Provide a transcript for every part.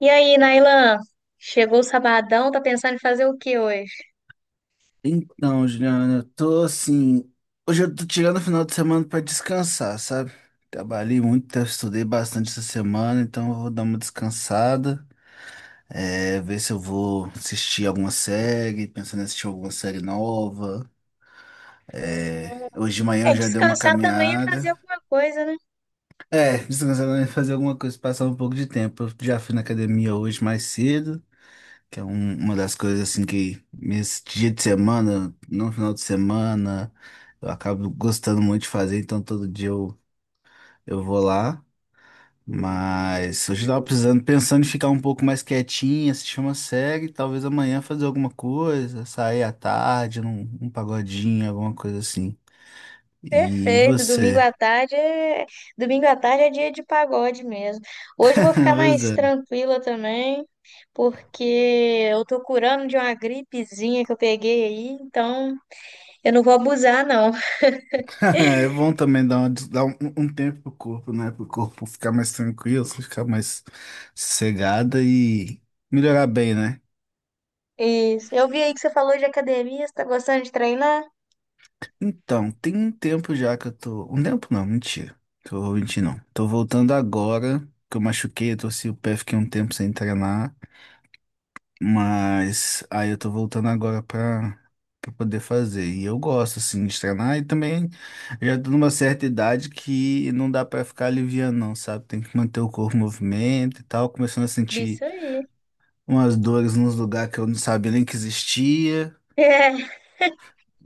E aí, Nailan? Chegou o sabadão, tá pensando em fazer o que hoje? Então, Juliana, eu tô assim. Hoje eu tô tirando o final de semana pra descansar, sabe? Trabalhei muito, tá, estudei bastante essa semana, então eu vou dar uma descansada. É, ver se eu vou assistir alguma série, pensando em assistir alguma série nova. É, hoje de manhã É, eu já dei uma descansar também é fazer caminhada. alguma coisa, né? É, descansando, né, fazer alguma coisa, passar um pouco de tempo. Eu já fui na academia hoje mais cedo. Que é uma das coisas assim que nesse dia de semana, no final de semana, eu acabo gostando muito de fazer, então todo dia eu vou lá. Mas hoje eu tava precisando, pensando em ficar um pouco mais quietinho, assistir uma série, talvez amanhã fazer alguma coisa, sair à tarde, um pagodinho, alguma coisa assim. E Perfeito, você? Domingo à tarde é dia de pagode mesmo. Hoje eu vou ficar mais Você? tranquila também, porque eu tô curando de uma gripezinha que eu peguei aí, então eu não vou abusar, não. É bom também dar um tempo pro corpo, né? Pro corpo ficar mais tranquilo, ficar mais sossegada e melhorar bem, né? Isso. Eu vi aí que você falou de academia, você tá gostando de treinar? Então, tem um tempo já que eu tô. Um tempo não, mentira. Que eu vou mentir, não. Tô voltando agora, que eu machuquei, eu torci o pé, fiquei um tempo sem treinar. Mas aí eu tô voltando agora pra poder fazer. E eu gosto, assim, de treinar. E também já tô numa certa idade que não dá pra ficar aliviando, não, sabe? Tem que manter o corpo em movimento e tal. Começando a sentir Isso aí. umas dores nos lugares que eu não sabia nem que existia. É.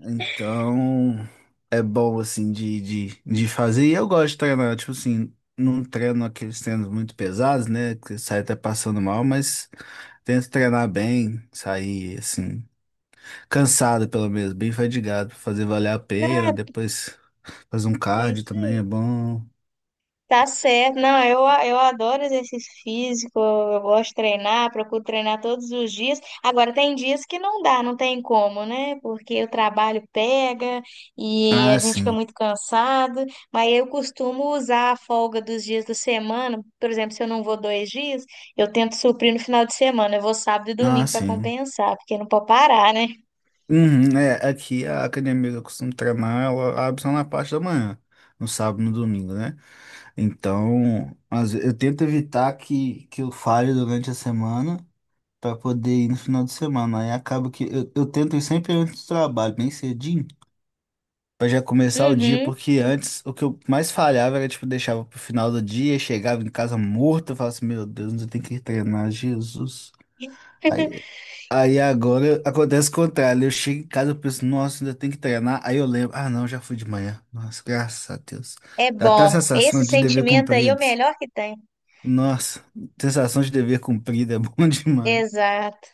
Então é bom, assim, de fazer. E eu gosto de treinar, tipo assim. Não treino aqueles treinos muito pesados, né? Que sai até passando mal, mas tento treinar bem, sair assim. Cansado, pelo menos, bem fadigado, pra fazer valer a pena. Nada, Depois fazer um cardio isso também é aí. bom. Tá certo. Não, eu adoro exercício físico, eu gosto de treinar, procuro treinar todos os dias. Agora, tem dias que não dá, não tem como, né? Porque o trabalho pega e a Ah, gente fica sim. muito cansado. Mas eu costumo usar a folga dos dias da semana. Por exemplo, se eu não vou dois dias, eu tento suprir no final de semana. Eu vou sábado e Ah, domingo para sim. compensar, porque não pode parar, né? Uhum, é, aqui a academia que eu costumo treinar, ela abre só na parte da manhã, no sábado e no domingo, né? Então, eu tento evitar que eu falhe durante a semana para poder ir no final de semana. Aí acaba que eu tento ir sempre antes do trabalho, bem cedinho. Pra já começar o dia, Uhum. porque antes o que eu mais falhava era, tipo, deixava pro final do dia, chegava em casa morto, eu falava assim, meu Deus, eu tenho que treinar, Jesus. Aí, aí, agora acontece o contrário, eu chego em casa, eu penso, nossa, ainda tenho que treinar, aí eu lembro, ah não, já fui de manhã, nossa, graças a Deus. É Dá até a bom. Esse sensação de dever sentimento aí é cumprido. o melhor que tem. Nossa, sensação de dever cumprido é bom demais. Exato.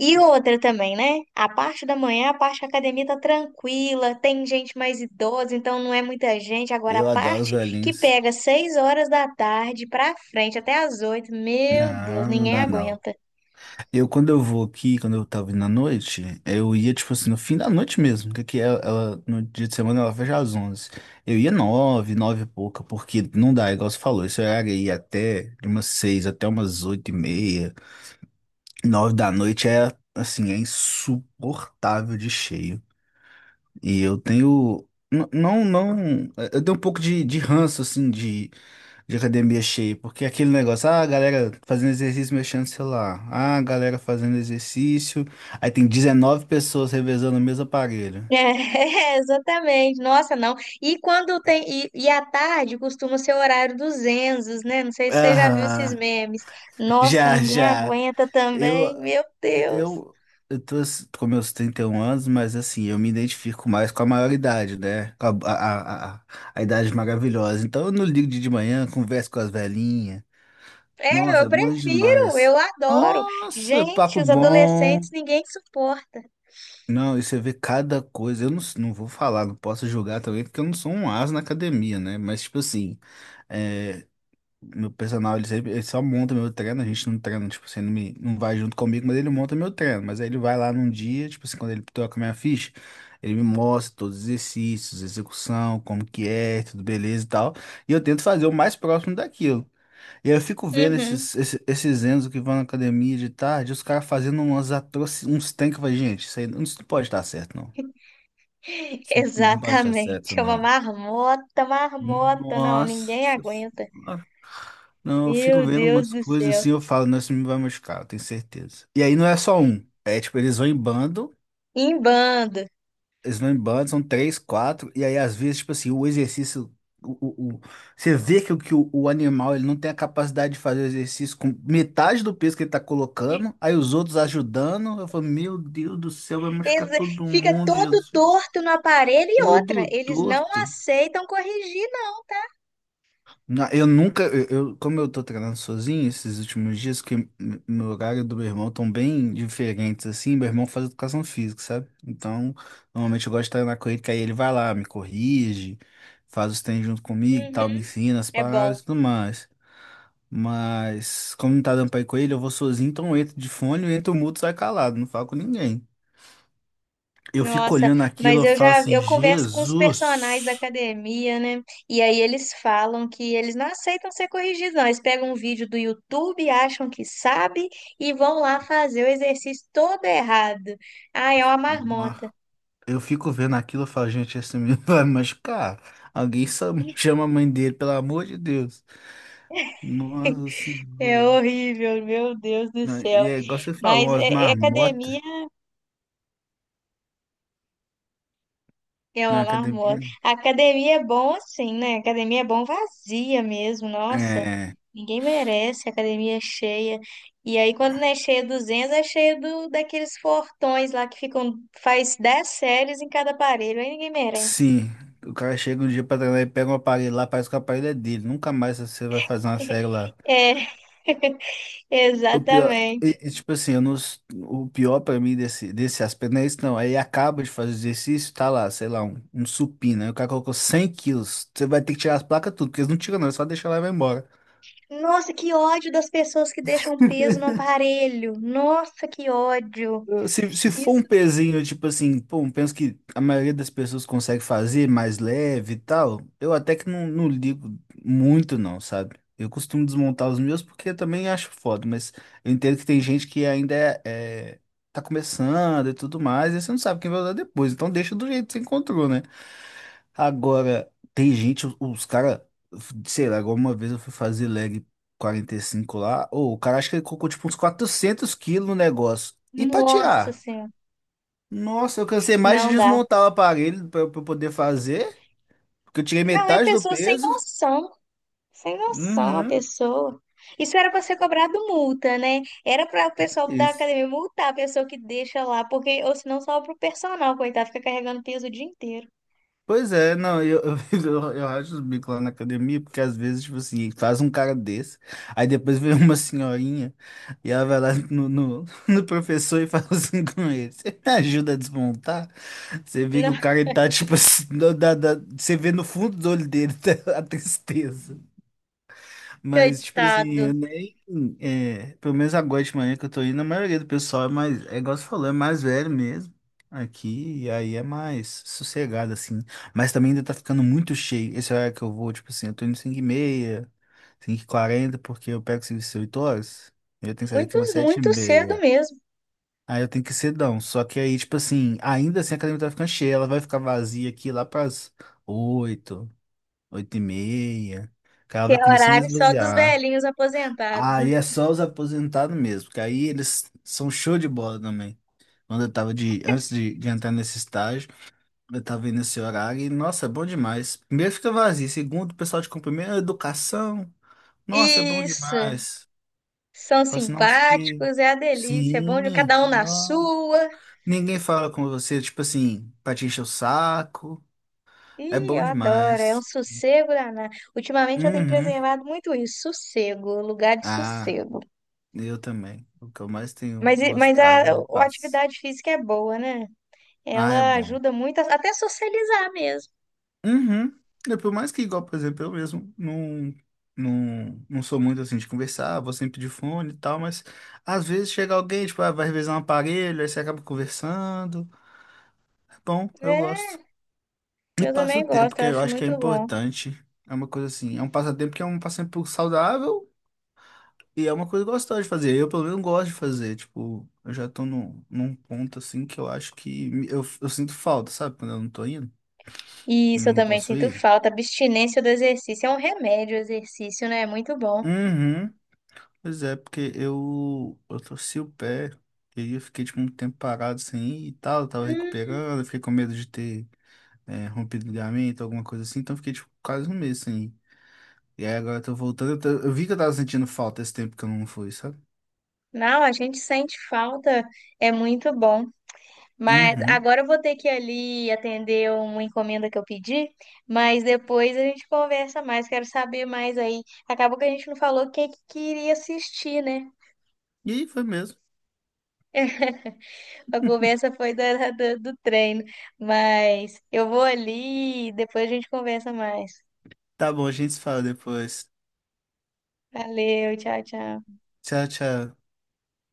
E outra também, né? A parte da manhã, a parte da academia tá tranquila, tem gente mais idosa, então não é muita gente. Agora, a Eu adoro os parte que velhinhos. pega seis horas da tarde pra frente, até as oito, meu Deus, Não, não ninguém dá não. aguenta. Eu, quando eu vou aqui, quando eu tava indo à noite, eu ia, tipo assim, no fim da noite mesmo, porque aqui no dia de semana ela fecha às onze. Eu ia nove, nove e pouca, porque não dá, igual você falou, esse horário aí até de umas seis até umas oito e meia, nove da noite é, assim, é insuportável de cheio. E eu tenho, não, eu tenho um pouco de ranço, assim, de academia cheia, porque aquele negócio, ah, a galera fazendo exercício mexendo no celular, ah, a galera fazendo exercício, aí tem 19 pessoas revezando o mesmo aparelho. É, exatamente. Nossa, não. E quando tem. E à tarde costuma ser o horário dos Enzos, né? Não sei se você já viu esses Aham, memes. Nossa, já, ninguém já. aguenta Eu, também, meu Deus. eu, com meus 31 anos, mas assim, eu me identifico mais com a maioridade, né? Com a, a a idade maravilhosa. Então eu não ligo de manhã, converso com as velhinhas. É, Nossa, eu é bom prefiro, demais. eu adoro. Nossa, Gente, papo os adolescentes bom. ninguém suporta. Não, e você vê cada coisa. Eu não, s- Não vou falar, não posso julgar também, porque eu não sou um as na academia, né? Mas, tipo assim, é, meu personal, ele só monta meu treino, a gente não treina, tipo assim, não vai junto comigo, mas ele monta meu treino. Mas aí ele vai lá num dia, tipo assim, quando ele toca minha ficha, ele me mostra todos os exercícios, execução, como que é, tudo beleza e tal. E eu tento fazer o mais próximo daquilo. E aí eu fico vendo Uhum. esses Enzo que vão na academia de tarde, os caras fazendo uns tanques, vai, gente, isso aí não, isso não pode estar certo, não. Isso não pode estar Exatamente, certo, é uma não. marmota, marmota, não, ninguém Nossa, aguenta. senhora. Não, eu fico Meu vendo Deus umas do coisas assim, céu. eu falo, não, isso me vai machucar, eu tenho certeza. E aí não é só um, é tipo, eles vão em bando, Em bando. slam band são três, quatro, e aí às vezes, tipo assim, o exercício, o, o, o- você vê que, o animal ele não tem a capacidade de fazer o exercício com metade do peso que ele tá colocando, aí os outros ajudando, eu falo, meu Deus do céu, vai machucar todo Fica mundo, todo Jesus, torto no aparelho e outra, todo eles não torto. aceitam corrigir, não. Na- Eu nunca, eu- Como eu tô treinando sozinho esses últimos dias, que meu horário e do meu irmão estão bem diferentes, assim, meu irmão faz educação física, sabe? Então, normalmente eu gosto de treinar com ele, que aí ele vai lá, me corrige, faz os treinos junto comigo, e Uhum. tal, me ensina as É bom. paradas e tudo mais. Mas, como não tá dando pra ir com ele, eu vou sozinho, então eu entro de fone, eu entro mudo, sai calado, não falo com ninguém. Eu fico Nossa, olhando aquilo, mas eu falo assim, eu converso com os personagens da Jesus! academia, né? E aí eles falam que eles não aceitam ser corrigidos, não. Eles pegam um vídeo do YouTube, acham que sabe e vão lá fazer o exercício todo errado. Ah, é uma marmota. Eu fico vendo aquilo e falo, gente, esse menino vai machucar. Alguém só chama a mãe dele, pelo amor de Deus. Nossa É Senhora. horrível, meu Deus do Não, céu. e é igual você Mas falou, as é, é marmotas academia. na Ela academia. marmota. A academia é bom assim, né? A academia é bom vazia mesmo, nossa. É, Ninguém merece, a academia é cheia. E aí, quando não é cheia dos Enzos, é cheia daqueles fortões lá que ficam, faz 10 séries em cada aparelho. Aí ninguém merece. sim. O cara chega um dia pra treinar e pega um aparelho lá, parece que o aparelho é dele. Nunca mais você vai fazer uma série lá. É, O pior, exatamente. Tipo assim, eu não, s- o pior pra mim desse aspecto não é isso, não. Aí acaba de fazer o exercício, tá lá, sei lá, um supino. Aí o cara colocou 100 quilos. Você vai ter que tirar as placas tudo, porque eles não tiram, não, é só deixar lá e vai embora. Nossa, que ódio das pessoas que deixam peso no aparelho. Nossa, que ódio. Se for Isso. um pezinho, tipo assim, pô, eu penso que a maioria das pessoas consegue fazer mais leve e tal, eu até que não, não ligo muito não, sabe? Eu costumo desmontar os meus porque eu também acho foda, mas eu entendo que tem gente que ainda é, tá começando e tudo mais, e você não sabe quem vai usar depois, então deixa do jeito que você encontrou, né? Agora, tem gente, os cara, sei lá, igual uma vez eu fui fazer leg 45 lá, ou o cara acha que ele colocou tipo uns 400 quilos no negócio. E para Nossa tirar? Senhora. Nossa, eu cansei mais de Não dá. desmontar o aparelho para eu pra eu poder fazer, porque eu tirei Não, é metade do pessoa sem peso. noção. Sem noção a Uhum, pessoa. Isso era para ser cobrado multa, né? Era para o pessoal da isso. academia multar a pessoa que deixa lá, porque ou senão só pro personal, coitado, fica carregando peso o dia inteiro. Pois é, não, eu racho os bicos lá na academia, porque às vezes, tipo assim, faz um cara desse, aí depois vem uma senhorinha e ela vai lá no, no professor e fala assim com ele: Você me ajuda a desmontar? Você vê Não, que o cara ele tá, tipo assim, você vê no fundo do olho dele tá a tristeza. Mas, tipo assim, coitado. eu nem. É, pelo menos agora de manhã que eu tô indo, a maioria do pessoal é mais. É igual você falou, é mais velho mesmo. Aqui, e aí é mais sossegado, assim. Mas também ainda tá ficando muito cheio. Esse horário que eu vou, tipo assim, eu tô indo 5 h meia, 5 h quarenta porque eu pego serviço 8 horas. Eu tenho que sair daqui Muito, umas sete h muito cedo 30 mesmo. Aí eu tenho que ir cedão. Só que aí, tipo assim, ainda assim a academia tá ficando cheia. Ela vai ficar vazia aqui lá pras oito, oito e meia, que ela Que vai é começando a horário só dos esvaziar. velhinhos aposentados, né? Aí é só os aposentados mesmo, que aí eles são show de bola também. Quando eu tava de, antes de entrar nesse estágio, eu tava vendo esse horário e, nossa, é bom demais. Primeiro fica vazio, segundo, o pessoal te cumprimenta, educação, nossa, é bom Isso. demais. São Fala assim, nossa, que. simpáticos, é a delícia. É bom de Sim, cada um na não. sua. Ninguém fala com você, tipo assim, pra te encher o saco, é Ih, bom eu adoro. É um demais. sossego danado. Ultimamente eu tenho Uhum. preservado muito isso, sossego, lugar de Ah, sossego. eu também. O que eu mais tenho Mas, mas a, gostado é a paz. atividade física é boa, né? Ah, é Ela bom. ajuda muito, até socializar mesmo. Uhum. É, por mais que, igual, por exemplo, eu mesmo não sou muito assim de conversar, vou sempre de fone e tal, mas às vezes chega alguém, tipo, ah, vai revisar um aparelho, aí você acaba conversando. É bom, eu É, gosto. E eu passa o também tempo, gosto, que eu eu acho acho que é muito bom. importante. É uma coisa assim, é um passatempo que é um passatempo saudável e é uma coisa gostosa de fazer. Eu, pelo menos, gosto de fazer. Tipo, eu já tô num ponto assim que eu acho que eu sinto falta, sabe? Quando eu não tô indo, E quando isso eu eu não também posso sinto ir. falta, abstinência do exercício. É um remédio o exercício, né? É muito bom. Uhum. Pois é, porque eu torci o pé e eu fiquei tipo, um tempo parado sem ir e tal, eu tava Hum, recuperando, eu fiquei com medo de ter rompido o ligamento, alguma coisa assim, então eu fiquei tipo, quase um mês sem ir. E aí agora eu tô voltando, eu vi que eu tava sentindo falta esse tempo que eu não fui, sabe? não, a gente sente falta, é muito bom. Mas Uhum. agora eu vou ter que ir ali atender uma encomenda que eu pedi, mas depois a gente conversa mais, quero saber mais aí. Acabou que a gente não falou o que que queria assistir, né? E aí foi mesmo. A conversa foi do treino, mas eu vou ali e depois a gente conversa mais. Tá bom, a gente se fala depois. Valeu, tchau, tchau. Tchau, tchau.